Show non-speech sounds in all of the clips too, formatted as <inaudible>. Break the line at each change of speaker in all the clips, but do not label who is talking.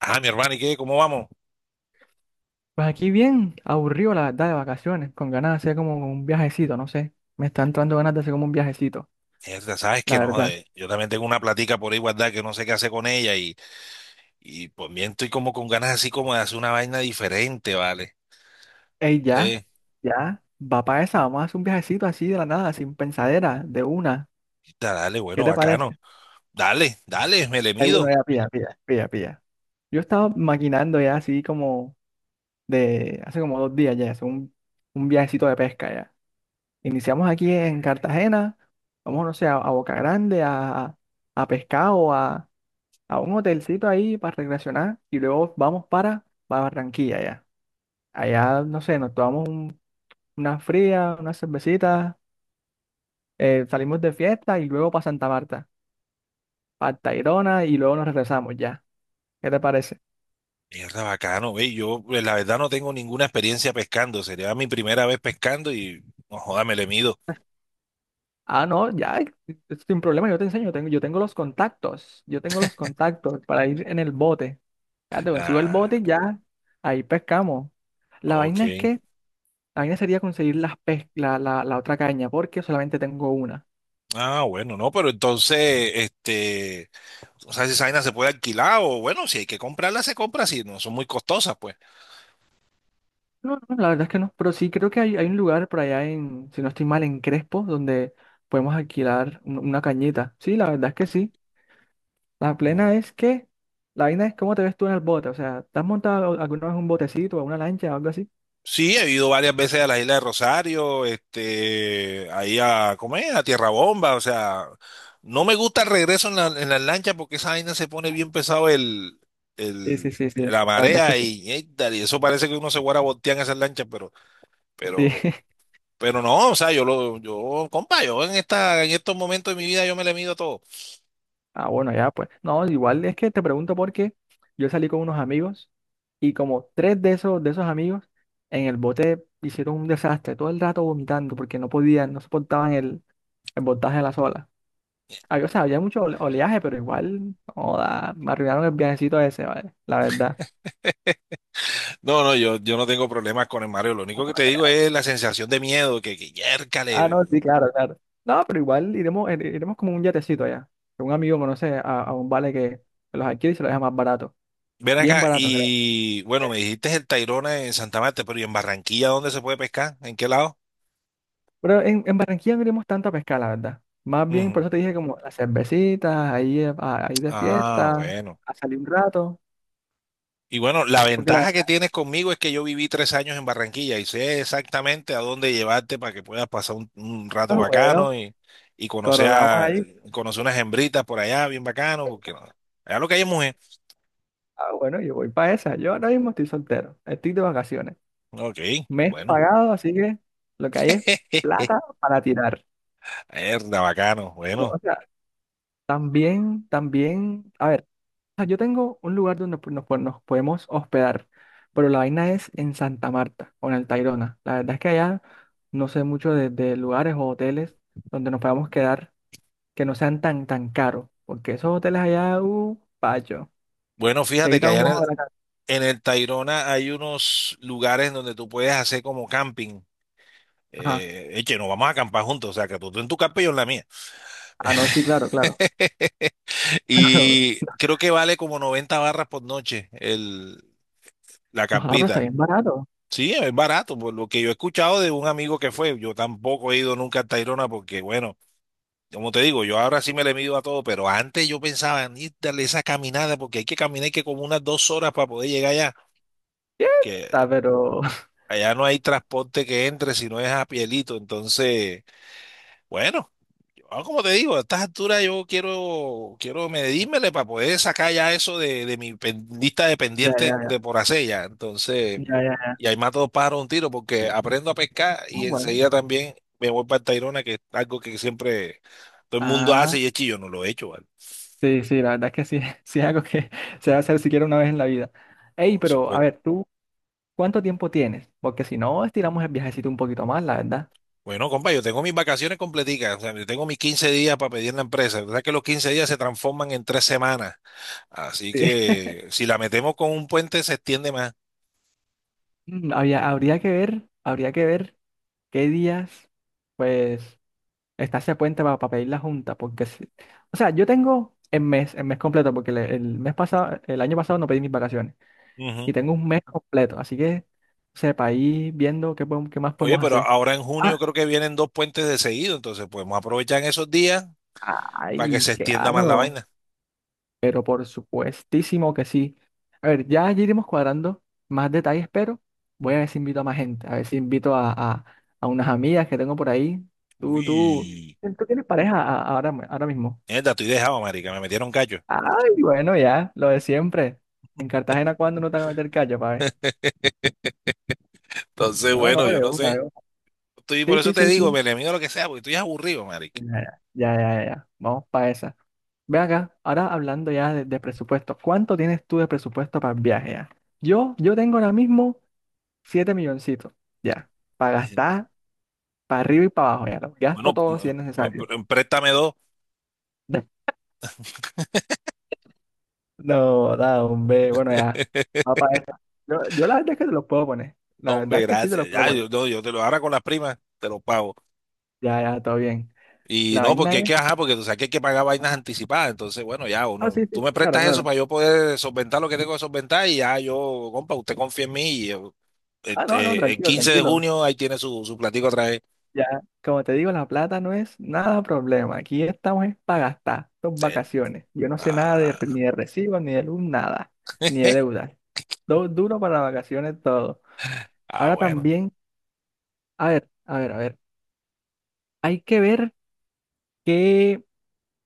Ah, mi hermano, ¿y qué? ¿Cómo vamos?
Pues aquí bien, aburrido la verdad, de vacaciones, con ganas de hacer como un viajecito, no sé. Me está entrando ganas de hacer como un viajecito,
Mierda, sabes que
la
no,
verdad.
joder, yo también tengo una platica por ahí guardada que no sé qué hacer con ella y pues bien estoy como con ganas así como de hacer una vaina diferente, ¿vale?
Ey,
No
ya,
sé,
ya, va para esa, vamos a hacer un viajecito así de la nada, sin pensadera, de una.
mierda, dale,
¿Qué
bueno,
te parece?
bacano. Dale, dale, me le
Ay, bueno,
mido.
ya, pilla, pilla, pilla, pilla. Yo estaba maquinando ya así como de hace como 2 días ya, hacer un viajecito de pesca ya. Iniciamos aquí en Cartagena, vamos, no sé, a Boca Grande, a pescar o a un hotelcito ahí para recreacionar y luego vamos para Barranquilla ya. Allá, no sé, nos tomamos una fría, una cervecita, salimos de fiesta y luego para Santa Marta, para Tayrona y luego nos regresamos ya. ¿Qué te parece?
Mierda, bacano, ve, yo pues, la verdad no tengo ninguna experiencia pescando, sería mi primera vez pescando y no joda, me le mido.
Ah, no, ya, sin problema, yo te enseño, yo tengo los contactos, yo tengo los contactos para ir en el bote. Ya te consigo el
Ah,
bote y ya, ahí pescamos. La
ok.
vaina es que, la vaina sería conseguir la, la otra caña, porque solamente tengo una.
Ah, bueno, no, pero entonces, este, o sea, si esa vaina se puede alquilar o bueno, si hay que comprarla, se compra, si no son muy costosas, pues.
No, no, la verdad es que no, pero sí creo que hay un lugar por allá en, si no estoy mal, en Crespo, donde podemos alquilar una cañita. Sí, la verdad es que sí. La plena
No.
es que, la vaina es cómo te ves tú en el bote, o sea, ¿te has montado alguna vez un botecito o una lancha o algo así?
Sí, he ido varias veces a la isla de Rosario, este, ahí a comer, a Tierra Bomba, o sea, no me gusta el regreso en la, en las lanchas porque esa vaina se pone bien pesado
Sí, sí,
el,
sí, sí,
la
la verdad es
marea
que sí.
y tal, y eso parece que uno se guarda voltear en esas lanchas, pero,
Sí.
pero,
<laughs>
pero no, o sea, compa, yo en estos momentos de mi vida yo me le mido a todo.
Ah, bueno, ya pues. No, igual es que te pregunto porque yo salí con unos amigos y como tres de esos amigos en el bote hicieron un desastre, todo el rato vomitando porque no podían, no soportaban el voltaje de la sola. O sea, había mucho oleaje, pero igual, joda, me arruinaron el viajecito ese, ¿vale? La verdad.
No, no, yo, no tengo problemas con el Mario, lo único que te
Ahora
digo
ya.
es
<laughs>
la sensación de miedo, que
Ah,
yércale.
no, sí, claro, claro. No, pero igual iremos, iremos como un yatecito allá. Que un amigo conoce a un vale que los adquiere y se los deja más barato.
Ven
Bien
acá
barato, creo.
y bueno, me dijiste el Tayrona en Santa Marta, pero ¿y en Barranquilla dónde se puede pescar? ¿En qué lado?
Pero en Barranquilla no iremos tanto a pescar, la verdad. Más bien, por
Ujú.
eso te dije como las cervecitas, ahí, ahí de
Ah,
fiesta,
bueno.
a salir un rato.
Y bueno, la
Porque la
ventaja que
verdad,
tienes conmigo es que yo viví 3 años en Barranquilla y sé exactamente a dónde llevarte para que puedas pasar un,
ah,
rato
bueno,
bacano y conocer
coronamos
a,
ahí.
conocer unas hembritas por allá, bien bacano, porque no- allá lo que hay es mujer.
Ah, bueno, yo voy para esa. Yo ahora mismo estoy soltero, estoy de vacaciones.
Ok,
Mes
bueno.
pagado, así que lo que hay es
<laughs>
plata para tirar.
Mierda, bacano.
Pero, o
Bueno,
sea, también, también, a ver, o sea, yo tengo un lugar donde pues, nos podemos hospedar, pero la vaina es en Santa Marta o en el Tayrona. La verdad es que allá no sé mucho de lugares o hoteles donde nos podamos quedar que no sean tan, tan caros, porque esos hoteles allá, pacho,
bueno,
te
fíjate que
quitan un
allá
ojo de la cara.
en el Tayrona hay unos lugares donde tú puedes hacer como camping.
Ajá,
Eche, nos vamos a acampar juntos, o sea, que tú en tu campa y yo en la mía.
ah, no, sí, claro, claro,
<laughs>
<laughs> claro.
Y creo que vale como 90 barras por noche la
No, ah, pero está
campita.
bien barato.
Sí, es barato, por lo que yo he escuchado de un amigo que fue. Yo tampoco he ido nunca a Tayrona porque, bueno, como te digo, yo ahora sí me le mido a todo, pero antes yo pensaba en ir darle esa caminada porque hay que caminar y que como unas 2 horas para poder llegar allá, que
Quieta, pero... <laughs>
allá no hay transporte que entre si no es a Pielito. Entonces, bueno, yo, ah, como te digo, a estas alturas yo quiero medírmele para poder sacar ya eso de mi lista de
Ya, ya,
pendientes
ya,
de por hacer ya. Entonces,
ya, ya, ya.
y ahí mato dos pájaros de un tiro porque aprendo a pescar
Ah,
y
bueno.
enseguida también me voy para el Tayrona, que es algo que siempre todo el mundo
Ah,
hace y es chillo, no lo he hecho, ¿vale?
sí, sí, la verdad es que sí, <laughs> sí, es algo que se va a hacer siquiera una vez en la vida. Ey,
Por
pero a
supuesto.
ver, ¿tú cuánto tiempo tienes? Porque si no, estiramos el viajecito un poquito más, la verdad.
Bueno, compa, yo tengo mis vacaciones completicas, o sea, yo tengo mis 15 días para pedir en la empresa. ¿Verdad que los 15 días se transforman en 3 semanas? Así
Sí.
que si la metemos con un puente se extiende más.
Mm, habría, habría que ver qué días, pues, está ese puente para pedir la junta, porque, o sea, yo tengo el mes completo, porque el mes pasado, el año pasado no pedí mis vacaciones, y
Ujú.
tengo un mes completo, así que, sepa, ahí viendo qué podemos, qué más
Oye,
podemos
pero
hacer.
ahora en junio
Ah,
creo que vienen dos puentes de seguido, entonces podemos aprovechar en esos días para que
ay,
se extienda más la
claro.
vaina.
Pero por supuestísimo que sí. A ver, ya allí iremos cuadrando más detalles, pero voy a ver si invito a más gente. A ver si invito a, a unas amigas que tengo por ahí. Tú, tú,
Uy,
Tú tienes pareja ahora, ahora mismo.
neta, estoy dejado, marica, me metieron callo.
Ay, bueno, ya, lo de siempre. En Cartagena, ¿cuándo no te van a meter callo, pa' ver?
<laughs> Entonces,
No, no,
bueno, yo
de
no
una, de
sé.
una.
Estoy, por
Sí,
eso
sí,
te
sí,
digo,
sí.
me le mido lo que sea, porque estoy aburrido, marica.
Ya, ya, ya, ya, ya, Vamos para esa. Ve acá, ahora hablando ya de presupuesto. ¿Cuánto tienes tú de presupuesto para el viaje ya? Yo tengo ahora mismo. 7 milloncitos, ya. Para gastar,
<laughs>
para arriba y para abajo, ya. Lo gasto
Bueno,
todo si es necesario.
préstame dos.
<laughs> No, da, hombre. Bueno, ya. Va
<laughs>
para esta. Yo la verdad es que te los puedo poner. La
Hombre,
verdad es que sí te
gracias.
los puedo
Ya,
poner.
yo, no, yo te lo ahora con las primas, te lo pago.
Ya, ya, todo bien.
Y
La
no,
vaina
porque es
es.
que, ajá, porque tú sabes que hay que pagar vainas anticipadas. Entonces, bueno, ya
Ah, sí,
uno,
sí,
tú me
sí, claro,
prestas
claro.
eso para yo poder solventar lo que tengo que solventar y ya yo, compa, usted confía en mí y yo,
Ah, no, no,
este, el
tranquilo,
15 de
tranquilo.
junio ahí tiene su, platico otra vez.
Ya. Como te digo, la plata no es nada problema. Aquí estamos es para gastar. Son
Eh,
vacaciones. Yo no sé nada de,
ah,
ni de recibos, ni de luz, nada. Ni de
<laughs>
deuda. Duro para las vacaciones todo.
ah,
Ahora
bueno.
también. A ver, a ver, a ver. Hay que ver que,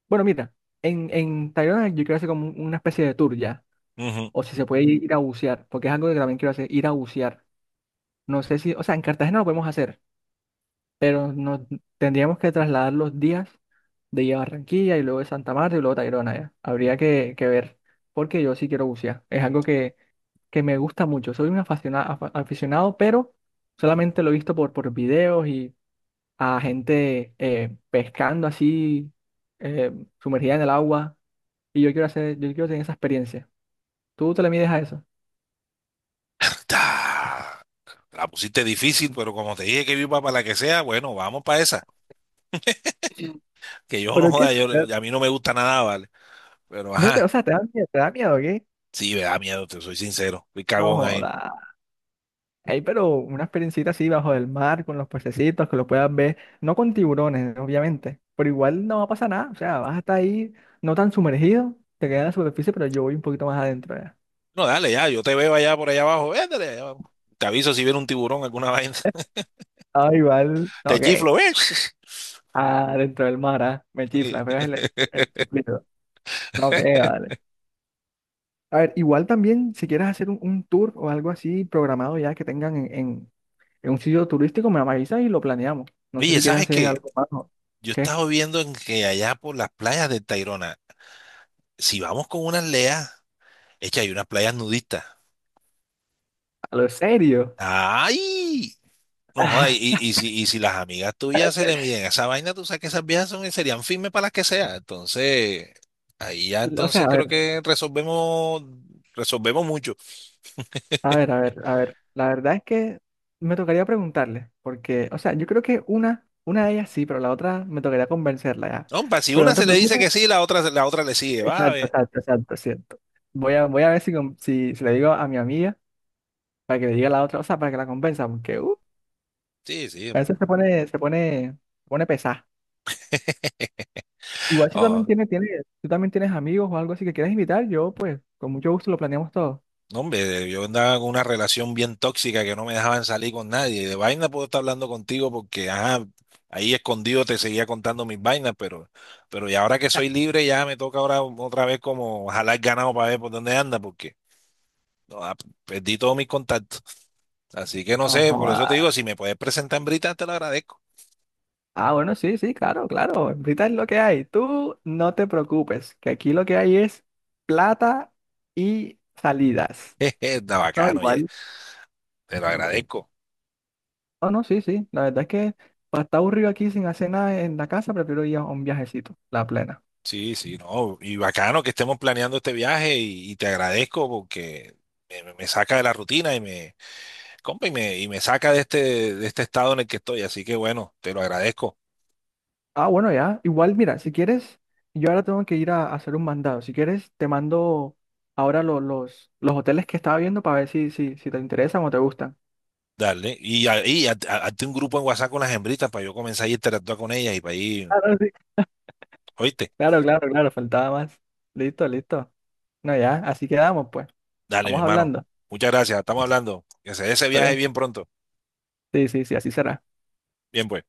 bueno, mira, en Tayrona yo quiero hacer como una especie de tour ya,
Ujú.
o si se puede ir a bucear, porque es algo que también quiero hacer, ir a bucear. No sé si, o sea, en Cartagena lo podemos hacer, pero nos tendríamos que trasladar los días de ir a Barranquilla y luego de Santa Marta y luego Tayrona ya. Habría que ver, porque yo sí quiero bucear. Es algo que me gusta mucho. Soy un aficionado aficionado, pero solamente lo he visto por videos y a gente pescando así, eh, sumergida en el agua. Y yo quiero hacer, yo quiero tener esa experiencia. ¿Tú te le mides a eso?
Ta, la pusiste difícil, pero como te dije que viva para la que sea, bueno, vamos para esa.
Sí.
Que yo no
¿Pero qué?
joda, a mí no me gusta nada, ¿vale? Pero
No te, o
ajá,
sea, te da miedo, ¿o qué?
sí, me da miedo, te soy sincero. Fui
No
cagón ahí.
joda. Ey, pero una experiencita así bajo el mar, con los pececitos, que lo puedas ver, no con tiburones, obviamente, pero igual no va a pasar nada, o sea, vas a estar ahí no tan sumergido, te quedas en la superficie, pero yo voy un poquito más adentro ya.
No, dale, ya, yo te veo allá por allá abajo, véndale, allá abajo. Te aviso si viene un tiburón, alguna vaina. <laughs>
Ah, igual,
Te
no,
chiflo,
¿qué?
ves
Adentro del mar, ah, me
<laughs> Y-
chifla, me pegas el chiflido. No, que vale. A ver, igual también, si quieres hacer un tour o algo así programado ya que tengan en, en un sitio turístico, me avisas y lo planeamos. No sé
Oye,
si quieres
¿sabes
hacer
qué?
algo más, ¿no?
Yo
¿Qué?
estaba viendo en que allá por las playas de Tayrona, si vamos con unas leas, es que hay unas playas nudistas.
¿A lo serio?
¡Ay! No jodas, y si las amigas tuyas se le miden a esa vaina, tú sabes que esas viejas son, serían firmes para las que sea. Entonces, ahí ya
O sea,
entonces
a
creo
ver,
que resolvemos, resolvemos mucho.
a ver, a ver, a ver. La verdad es que me tocaría preguntarle, porque, o sea, yo creo que una de ellas sí, pero la otra me tocaría convencerla ya.
No, pa, si
Pero
una
no te
se le dice
preocupes.
que sí, la otra, le sigue, va.
Exacto, exacto, exacto, cierto. Voy a, voy a ver si, si, si le digo a mi amiga para que le diga a la otra, o sea, para que la convenza, porque,
Sí, sí.
a veces se pone, se pone, se pone pesada. Igual si tú también
Ah,
tienes, tienes, tú también tienes amigos o algo así que quieras invitar, yo pues con mucho gusto lo planeamos todo.
no, hombre, yo andaba con una relación bien tóxica que no me dejaban salir con nadie. De vaina puedo estar hablando contigo porque, ajá, ahí escondido te seguía contando mis vainas, pero y ahora que soy libre ya me toca ahora otra vez como jalar ganado para ver por dónde anda, porque no, perdí todos mis contactos. Así que no
No
sé, por eso te digo,
joda.
si me puedes presentar en Brita, te lo agradezco.
Ah, bueno, sí, sí, claro, claro. Ahorita es lo que hay. Tú no te preocupes, que aquí lo que hay es plata y salidas.
<laughs> Jeje, está
No,
bacano, oye,
igual.
te lo agradezco.
No, no, sí, sí. La verdad es que para estar aburrido aquí sin hacer nada en la casa, prefiero ir a un viajecito, la plena.
Sí, sí, no, y bacano que estemos planeando este viaje y te agradezco porque me, me saca de la rutina y me, compa, y me saca de este, estado en el que estoy, así que bueno, te lo agradezco.
Ah, bueno, ya. Igual, mira, si quieres, yo ahora tengo que ir a hacer un mandado. Si quieres, te mando ahora los hoteles que estaba viendo para ver si, si, si te interesan o te gustan.
Dale, hazte un grupo en WhatsApp con las hembritas para yo comenzar a interactuar con ellas y para ir,
Claro, sí.
oíste,
Claro, claro, claro, faltaba más. Listo, listo. No, ya, así quedamos, pues.
dale, mi
Vamos
hermano,
hablando.
muchas gracias, estamos hablando, que se dé ese
Está
viaje
bien.
bien pronto,
Sí, sí, sí, así será.
bien pues.